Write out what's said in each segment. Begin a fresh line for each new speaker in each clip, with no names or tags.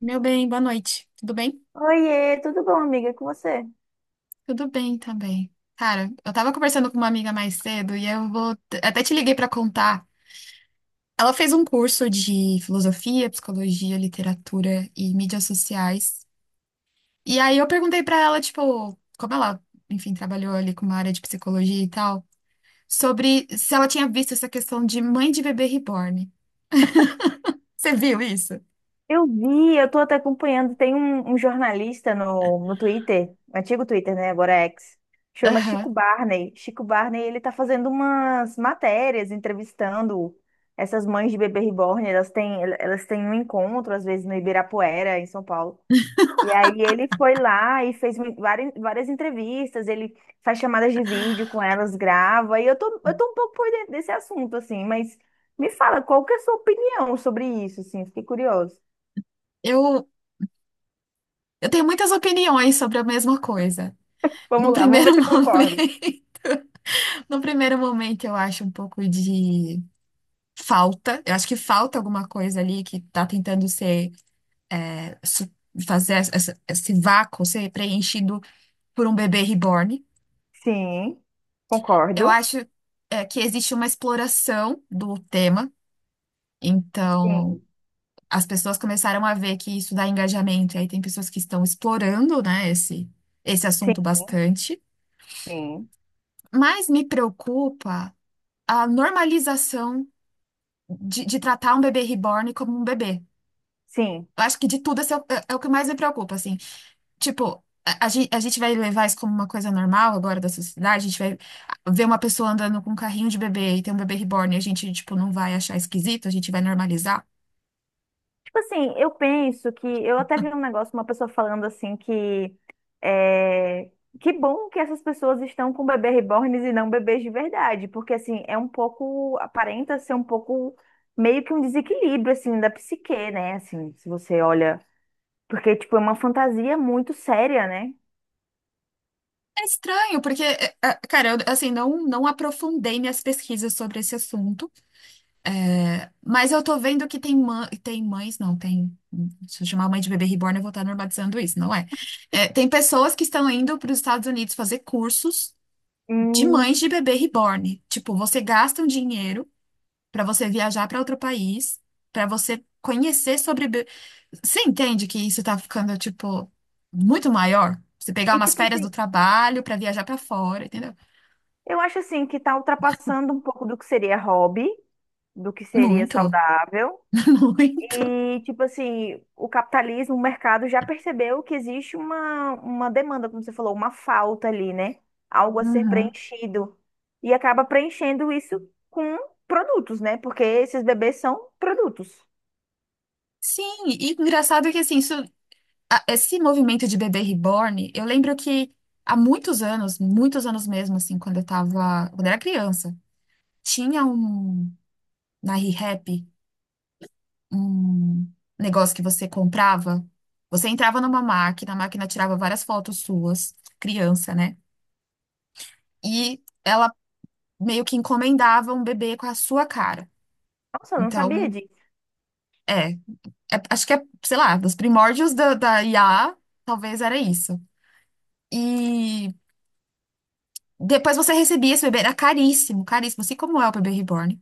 Meu bem, boa noite. Tudo bem?
Oiê, tudo bom, amiga? E com você?
Tudo bem também. Cara, eu tava conversando com uma amiga mais cedo e eu vou até te liguei pra contar. Ela fez um curso de filosofia, psicologia, literatura e mídias sociais. E aí eu perguntei pra ela, tipo, como ela, enfim, trabalhou ali com uma área de psicologia e tal, sobre se ela tinha visto essa questão de mãe de bebê reborn. Você viu isso?
Eu vi, eu tô até acompanhando. Tem um jornalista no Twitter, um antigo Twitter, né? Agora é X, chama Chico
Aham.
Barney. Chico Barney, ele tá fazendo umas matérias, entrevistando essas mães de bebê reborn. Elas têm um encontro, às vezes, no Ibirapuera, em São Paulo. E aí ele foi lá e fez várias, várias entrevistas, ele faz chamadas de vídeo com elas, grava. E eu tô um pouco por dentro desse assunto, assim, mas me fala, qual que é a sua opinião sobre isso, assim? Fiquei curioso.
Eu, eu tenho muitas opiniões sobre a mesma coisa. Num
Vamos lá, vamos
primeiro
ver se eu concordo.
momento. No primeiro momento, eu acho um pouco de falta. Eu acho que falta alguma coisa ali que está tentando ser, é, su- fazer esse vácuo ser preenchido por um bebê reborn.
Sim,
Eu
concordo.
acho, que existe uma exploração do tema. Então,
Sim,
as pessoas começaram a ver que isso dá engajamento. E aí tem pessoas que estão explorando, né, esse
sim,
assunto bastante.
sim,
Mas me preocupa a normalização de tratar um bebê reborn como um bebê.
sim.
Eu acho que de tudo esse é o, é é o que mais me preocupa, assim. Tipo, a gente vai levar isso como uma coisa normal agora da sociedade, a gente vai ver uma pessoa andando com um carrinho de bebê e tem um bebê reborn e a gente, tipo, não vai achar esquisito, a gente vai normalizar.
Tipo assim, eu penso que eu até vi um negócio, uma pessoa falando assim que é, que bom que essas pessoas estão com bebê reborns e não bebês de verdade, porque assim, é um pouco, aparenta ser um pouco meio que um desequilíbrio assim da psique, né? Assim, se você olha, porque tipo é uma fantasia muito séria, né?
É estranho, porque, cara, eu, assim, não aprofundei minhas pesquisas sobre esse assunto, mas eu tô vendo que tem, tem mães, não, tem. Se eu chamar mãe de bebê reborn, eu vou estar normalizando isso, não é? É, tem pessoas que estão indo para os Estados Unidos fazer cursos de mães
Hum.
de bebê reborn. Tipo, você gasta um dinheiro pra você viajar pra outro país, pra você conhecer Você entende que isso tá ficando, tipo, muito maior? Você pegar
E
umas
tipo
férias do
assim,
trabalho pra viajar pra fora, entendeu?
eu acho assim que tá ultrapassando um pouco do que seria hobby, do que seria
Muito,
saudável.
muito.
E, tipo assim, o capitalismo, o mercado já percebeu que existe uma demanda, como você falou, uma falta ali, né? Algo a ser
Uhum.
preenchido. E acaba preenchendo isso com produtos, né? Porque esses bebês são produtos.
Sim, e engraçado que assim, isso, esse movimento de bebê reborn, eu lembro que há muitos anos mesmo, assim, quando eu era criança, tinha um na ReHap um negócio que você comprava. Você entrava numa máquina, a máquina tirava várias fotos suas, criança, né? E ela meio que encomendava um bebê com a sua cara.
Nossa, eu não sabia
Então,
disso.
é, é- acho que é, sei lá, dos primórdios da IA, talvez era isso. E depois você recebia esse bebê, era caríssimo, caríssimo, assim como é o bebê reborn.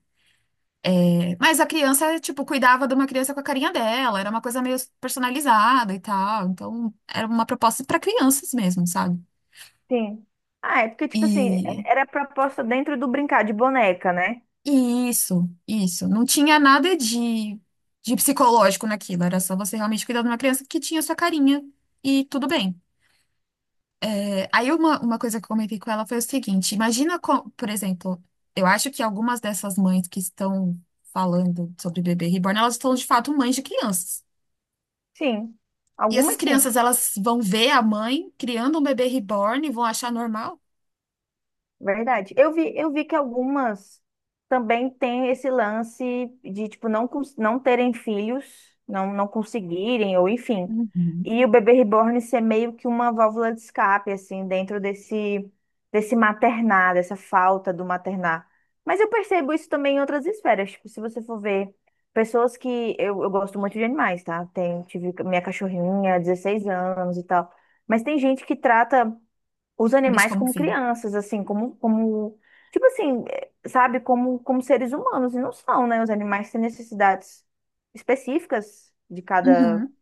É, mas a criança, tipo, cuidava de uma criança com a carinha dela, era uma coisa meio personalizada e tal. Então, era uma proposta para crianças mesmo, sabe?
Sim. Ah, é porque, tipo assim,
E,
era proposta dentro do brincar de boneca, né?
e isso, isso. Não tinha nada de, de psicológico naquilo, era só você realmente cuidar de uma criança que tinha sua carinha e tudo bem. É, aí uma coisa que eu comentei com ela foi o seguinte: imagina, por exemplo, eu acho que algumas dessas mães que estão falando sobre bebê reborn, elas estão de fato mães de crianças.
Sim.
E essas
Algumas sim.
crianças, elas vão ver a mãe criando um bebê reborn e vão achar normal?
Verdade. Eu vi que algumas também têm esse lance de, tipo, não, não terem filhos, não, não conseguirem, ou enfim.
Uhum.
E o bebê reborn ser meio que uma válvula de escape, assim, dentro desse, desse maternar, dessa falta do maternar. Mas eu percebo isso também em outras esferas. Tipo, se você for ver pessoas que... Eu gosto muito de animais, tá? Tenho, tive minha cachorrinha, 16 anos e tal. Mas tem gente que trata os
Bicho
animais
como
como
filho.
crianças, assim, tipo assim, sabe, como seres humanos, e não são, né? Os animais têm necessidades específicas de cada,
Uhum,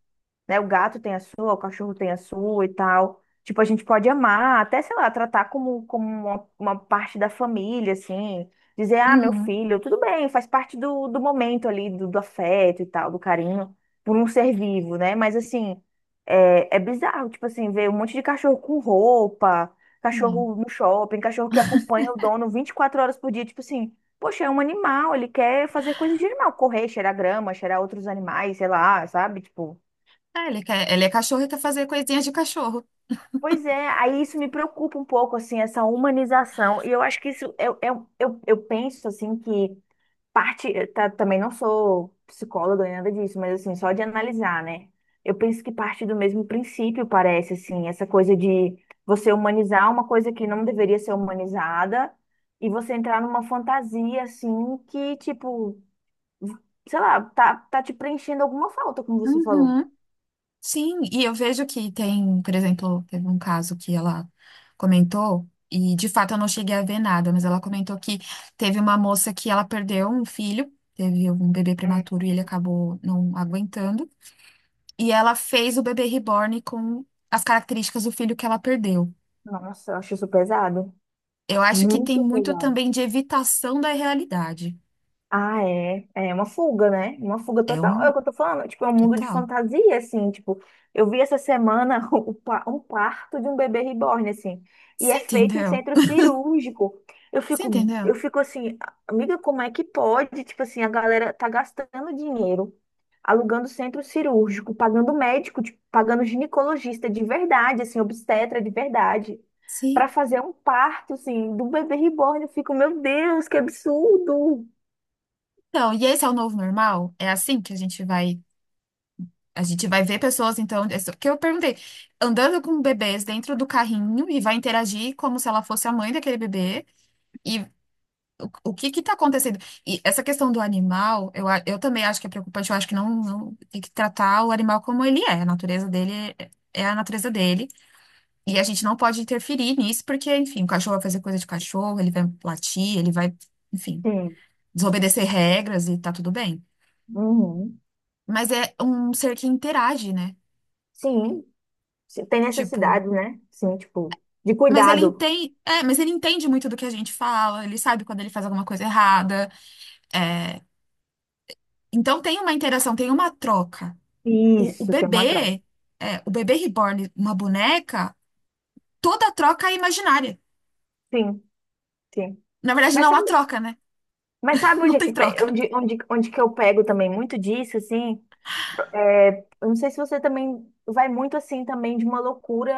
né? O gato tem a sua, o cachorro tem a sua e tal. Tipo, a gente pode amar, até, sei lá, tratar como, como uma parte da família, assim. Dizer, ah, meu
uhum.
filho, tudo bem, faz parte do momento ali, do afeto e tal, do carinho, por um ser vivo, né? Mas, assim, é bizarro, tipo assim, ver um monte de cachorro com roupa,
Não.
cachorro no shopping, cachorro que acompanha o dono 24 horas por dia, tipo assim. Poxa, é um animal, ele quer fazer coisas de animal, correr, cheirar grama, cheirar outros animais, sei lá, sabe? Tipo,
Ah, ele quer, ele é cachorro e quer fazer coisinhas de cachorro.
pois é, aí isso me preocupa um pouco, assim, essa humanização. E eu acho que isso, eu penso, assim, que parte, também não sou psicóloga nem nada disso, mas, assim, só de analisar, né? Eu penso que parte do mesmo princípio, parece, assim, essa coisa de você humanizar uma coisa que não deveria ser humanizada e você entrar numa fantasia, assim, que, tipo, sei lá, tá te preenchendo alguma falta, como você falou.
Uhum. Sim, e eu vejo que tem, por exemplo, teve um caso que ela comentou, e de fato eu não cheguei a ver nada, mas ela comentou que teve uma moça que ela perdeu um filho, teve um bebê
É.
prematuro e ele acabou não aguentando, e ela fez o bebê reborn com as características do filho que ela perdeu.
Nossa, eu acho isso pesado.
Eu acho que tem
Muito
muito
pesado.
também de evitação da realidade.
Ah, é. É uma fuga, né? Uma fuga
É
total. É
um
o que eu tô falando. Tipo, é um mundo de
total.
fantasia, assim. Tipo, eu vi essa semana um parto de um bebê reborn, assim. E
Você
é feito em
entendeu?
centro cirúrgico. Eu
Você
fico,
entendeu?
eu fico assim, amiga, como é que pode? Tipo assim, a galera tá gastando dinheiro, alugando centro cirúrgico, pagando médico, tipo, pagando ginecologista de verdade, assim, obstetra de verdade. Pra
Sim.
fazer um parto, assim, do bebê reborn, eu fico, meu Deus, que absurdo!
Então, e esse é o novo normal? É assim que a gente vai ver pessoas, então, que eu perguntei, andando com bebês dentro do carrinho e vai interagir como se ela fosse a mãe daquele bebê, e o que que tá acontecendo? E essa questão do animal, eu também acho que é preocupante, eu acho que tem que tratar o animal como ele é, a natureza dele é a natureza dele, e a gente não pode interferir nisso, porque, enfim, o cachorro vai fazer coisa de cachorro, ele vai latir, ele vai, enfim,
Sim.
desobedecer regras e tá tudo bem.
Uhum.
Mas é um ser que interage, né?
Sim, tem
Tipo,
necessidade, né? Sim, tipo, de
mas ele
cuidado.
entende, mas ele entende muito do que a gente fala, ele sabe quando ele faz alguma coisa errada. É. Então tem uma interação, tem uma troca. O
Isso, tem uma troca.
bebê, o bebê reborn, uma boneca, toda troca é imaginária.
Sim, sim.
Na verdade,
Mas
não há
sabe,
troca, né?
mas sabe onde,
Não tem troca.
onde, onde, onde que eu pego também muito disso, assim? É, eu não sei se você também vai muito assim também de uma loucura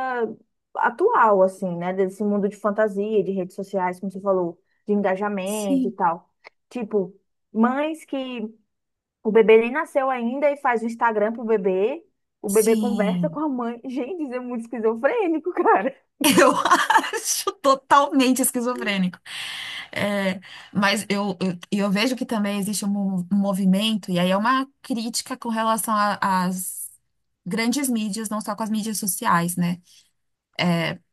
atual, assim, né? Desse mundo de fantasia, de redes sociais, como você falou, de engajamento e
Sim.
tal. Tipo, mães que o bebê nem nasceu ainda e faz o Instagram pro bebê. O bebê conversa
Sim.
com a mãe. Gente, isso é muito esquizofrênico, cara.
Eu acho totalmente esquizofrênico. É, mas eu, eu, eu vejo que também existe um um movimento, e aí é uma crítica com relação às grandes mídias, não só com as mídias sociais, né?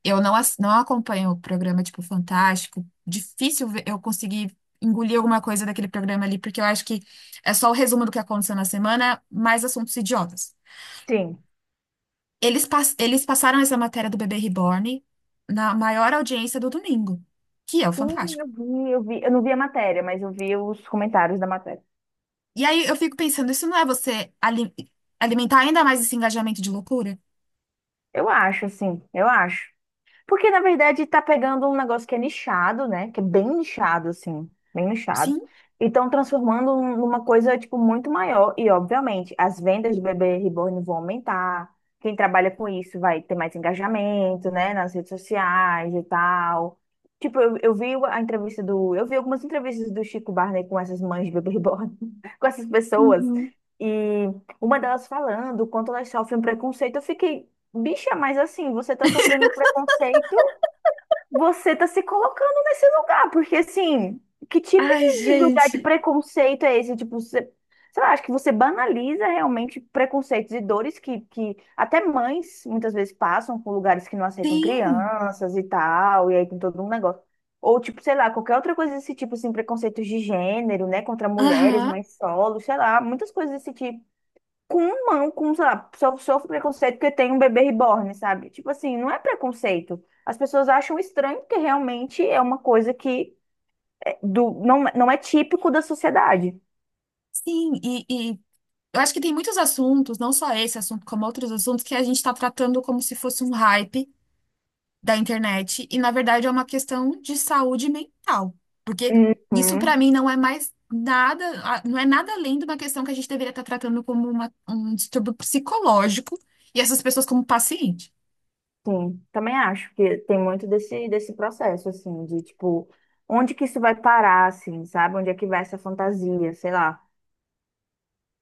Eu não, ass- não acompanho o programa tipo Fantástico, difícil eu conseguir engolir alguma coisa daquele programa ali, porque eu acho que é só o resumo do que aconteceu na semana, mais assuntos idiotas.
Sim.
Eles passaram essa matéria do bebê reborn na maior audiência do domingo, que é o
Sim,
Fantástico.
eu vi, eu vi. Eu não vi a matéria, mas eu vi os comentários da matéria.
E aí eu fico pensando, isso não é você alimentar ainda mais esse engajamento de loucura?
Eu acho, assim, eu acho. Porque, na verdade, tá pegando um negócio que é nichado, né? Que é bem nichado, assim, bem nichado.
Sim.
E estão transformando numa coisa, tipo, muito maior. E, obviamente, as vendas de bebê reborn vão aumentar. Quem trabalha com isso vai ter mais engajamento, né? Nas redes sociais e tal. Tipo, eu vi a entrevista do... Eu vi algumas entrevistas do Chico Barney com essas mães de bebê reborn. Com essas pessoas. E uma delas falando o quanto elas sofrem um preconceito. Eu fiquei... Bicha, mas assim, você tá sofrendo preconceito, você tá se colocando nesse lugar, porque assim, que tipo
Ah,
de lugar de
sim.
preconceito é esse? Tipo, você, sei lá, acho que você banaliza realmente preconceitos e dores que até mães muitas vezes passam por lugares que não aceitam
Sim,
crianças e tal, e aí tem todo um negócio. Ou tipo, sei lá, qualquer outra coisa desse tipo, assim, preconceitos de gênero, né, contra mulheres,
aham,
mães solo, sei lá, muitas coisas desse tipo. Com não, com, sei lá, só sofro preconceito porque tem um bebê reborn, sabe? Tipo assim, não é preconceito. As pessoas acham estranho porque realmente é uma coisa que é do, não, não é típico da sociedade.
sim, e eu acho que tem muitos assuntos, não só esse assunto, como outros assuntos, que a gente está tratando como se fosse um hype da internet, e na verdade é uma questão de saúde mental, porque isso para
Uhum.
mim não é mais nada, não é nada além de uma questão que a gente deveria estar tratando como um distúrbio psicológico, e essas pessoas como paciente.
Sim, também acho que tem muito desse, desse processo, assim, de tipo, onde que isso vai parar, assim, sabe? Onde é que vai essa fantasia, sei lá.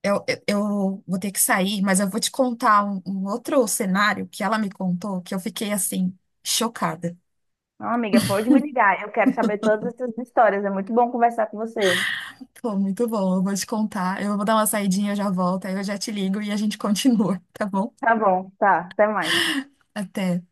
Eu vou ter que sair, mas eu vou te contar um outro cenário que ela me contou, que eu fiquei assim, chocada.
Não, amiga, pode me ligar, eu quero saber todas essas histórias, é muito bom conversar com você.
Pô, muito bom, eu vou te contar. Eu vou dar uma saidinha, eu já volto, aí eu já te ligo e a gente continua, tá bom?
Tá bom, tá, até mais.
Até.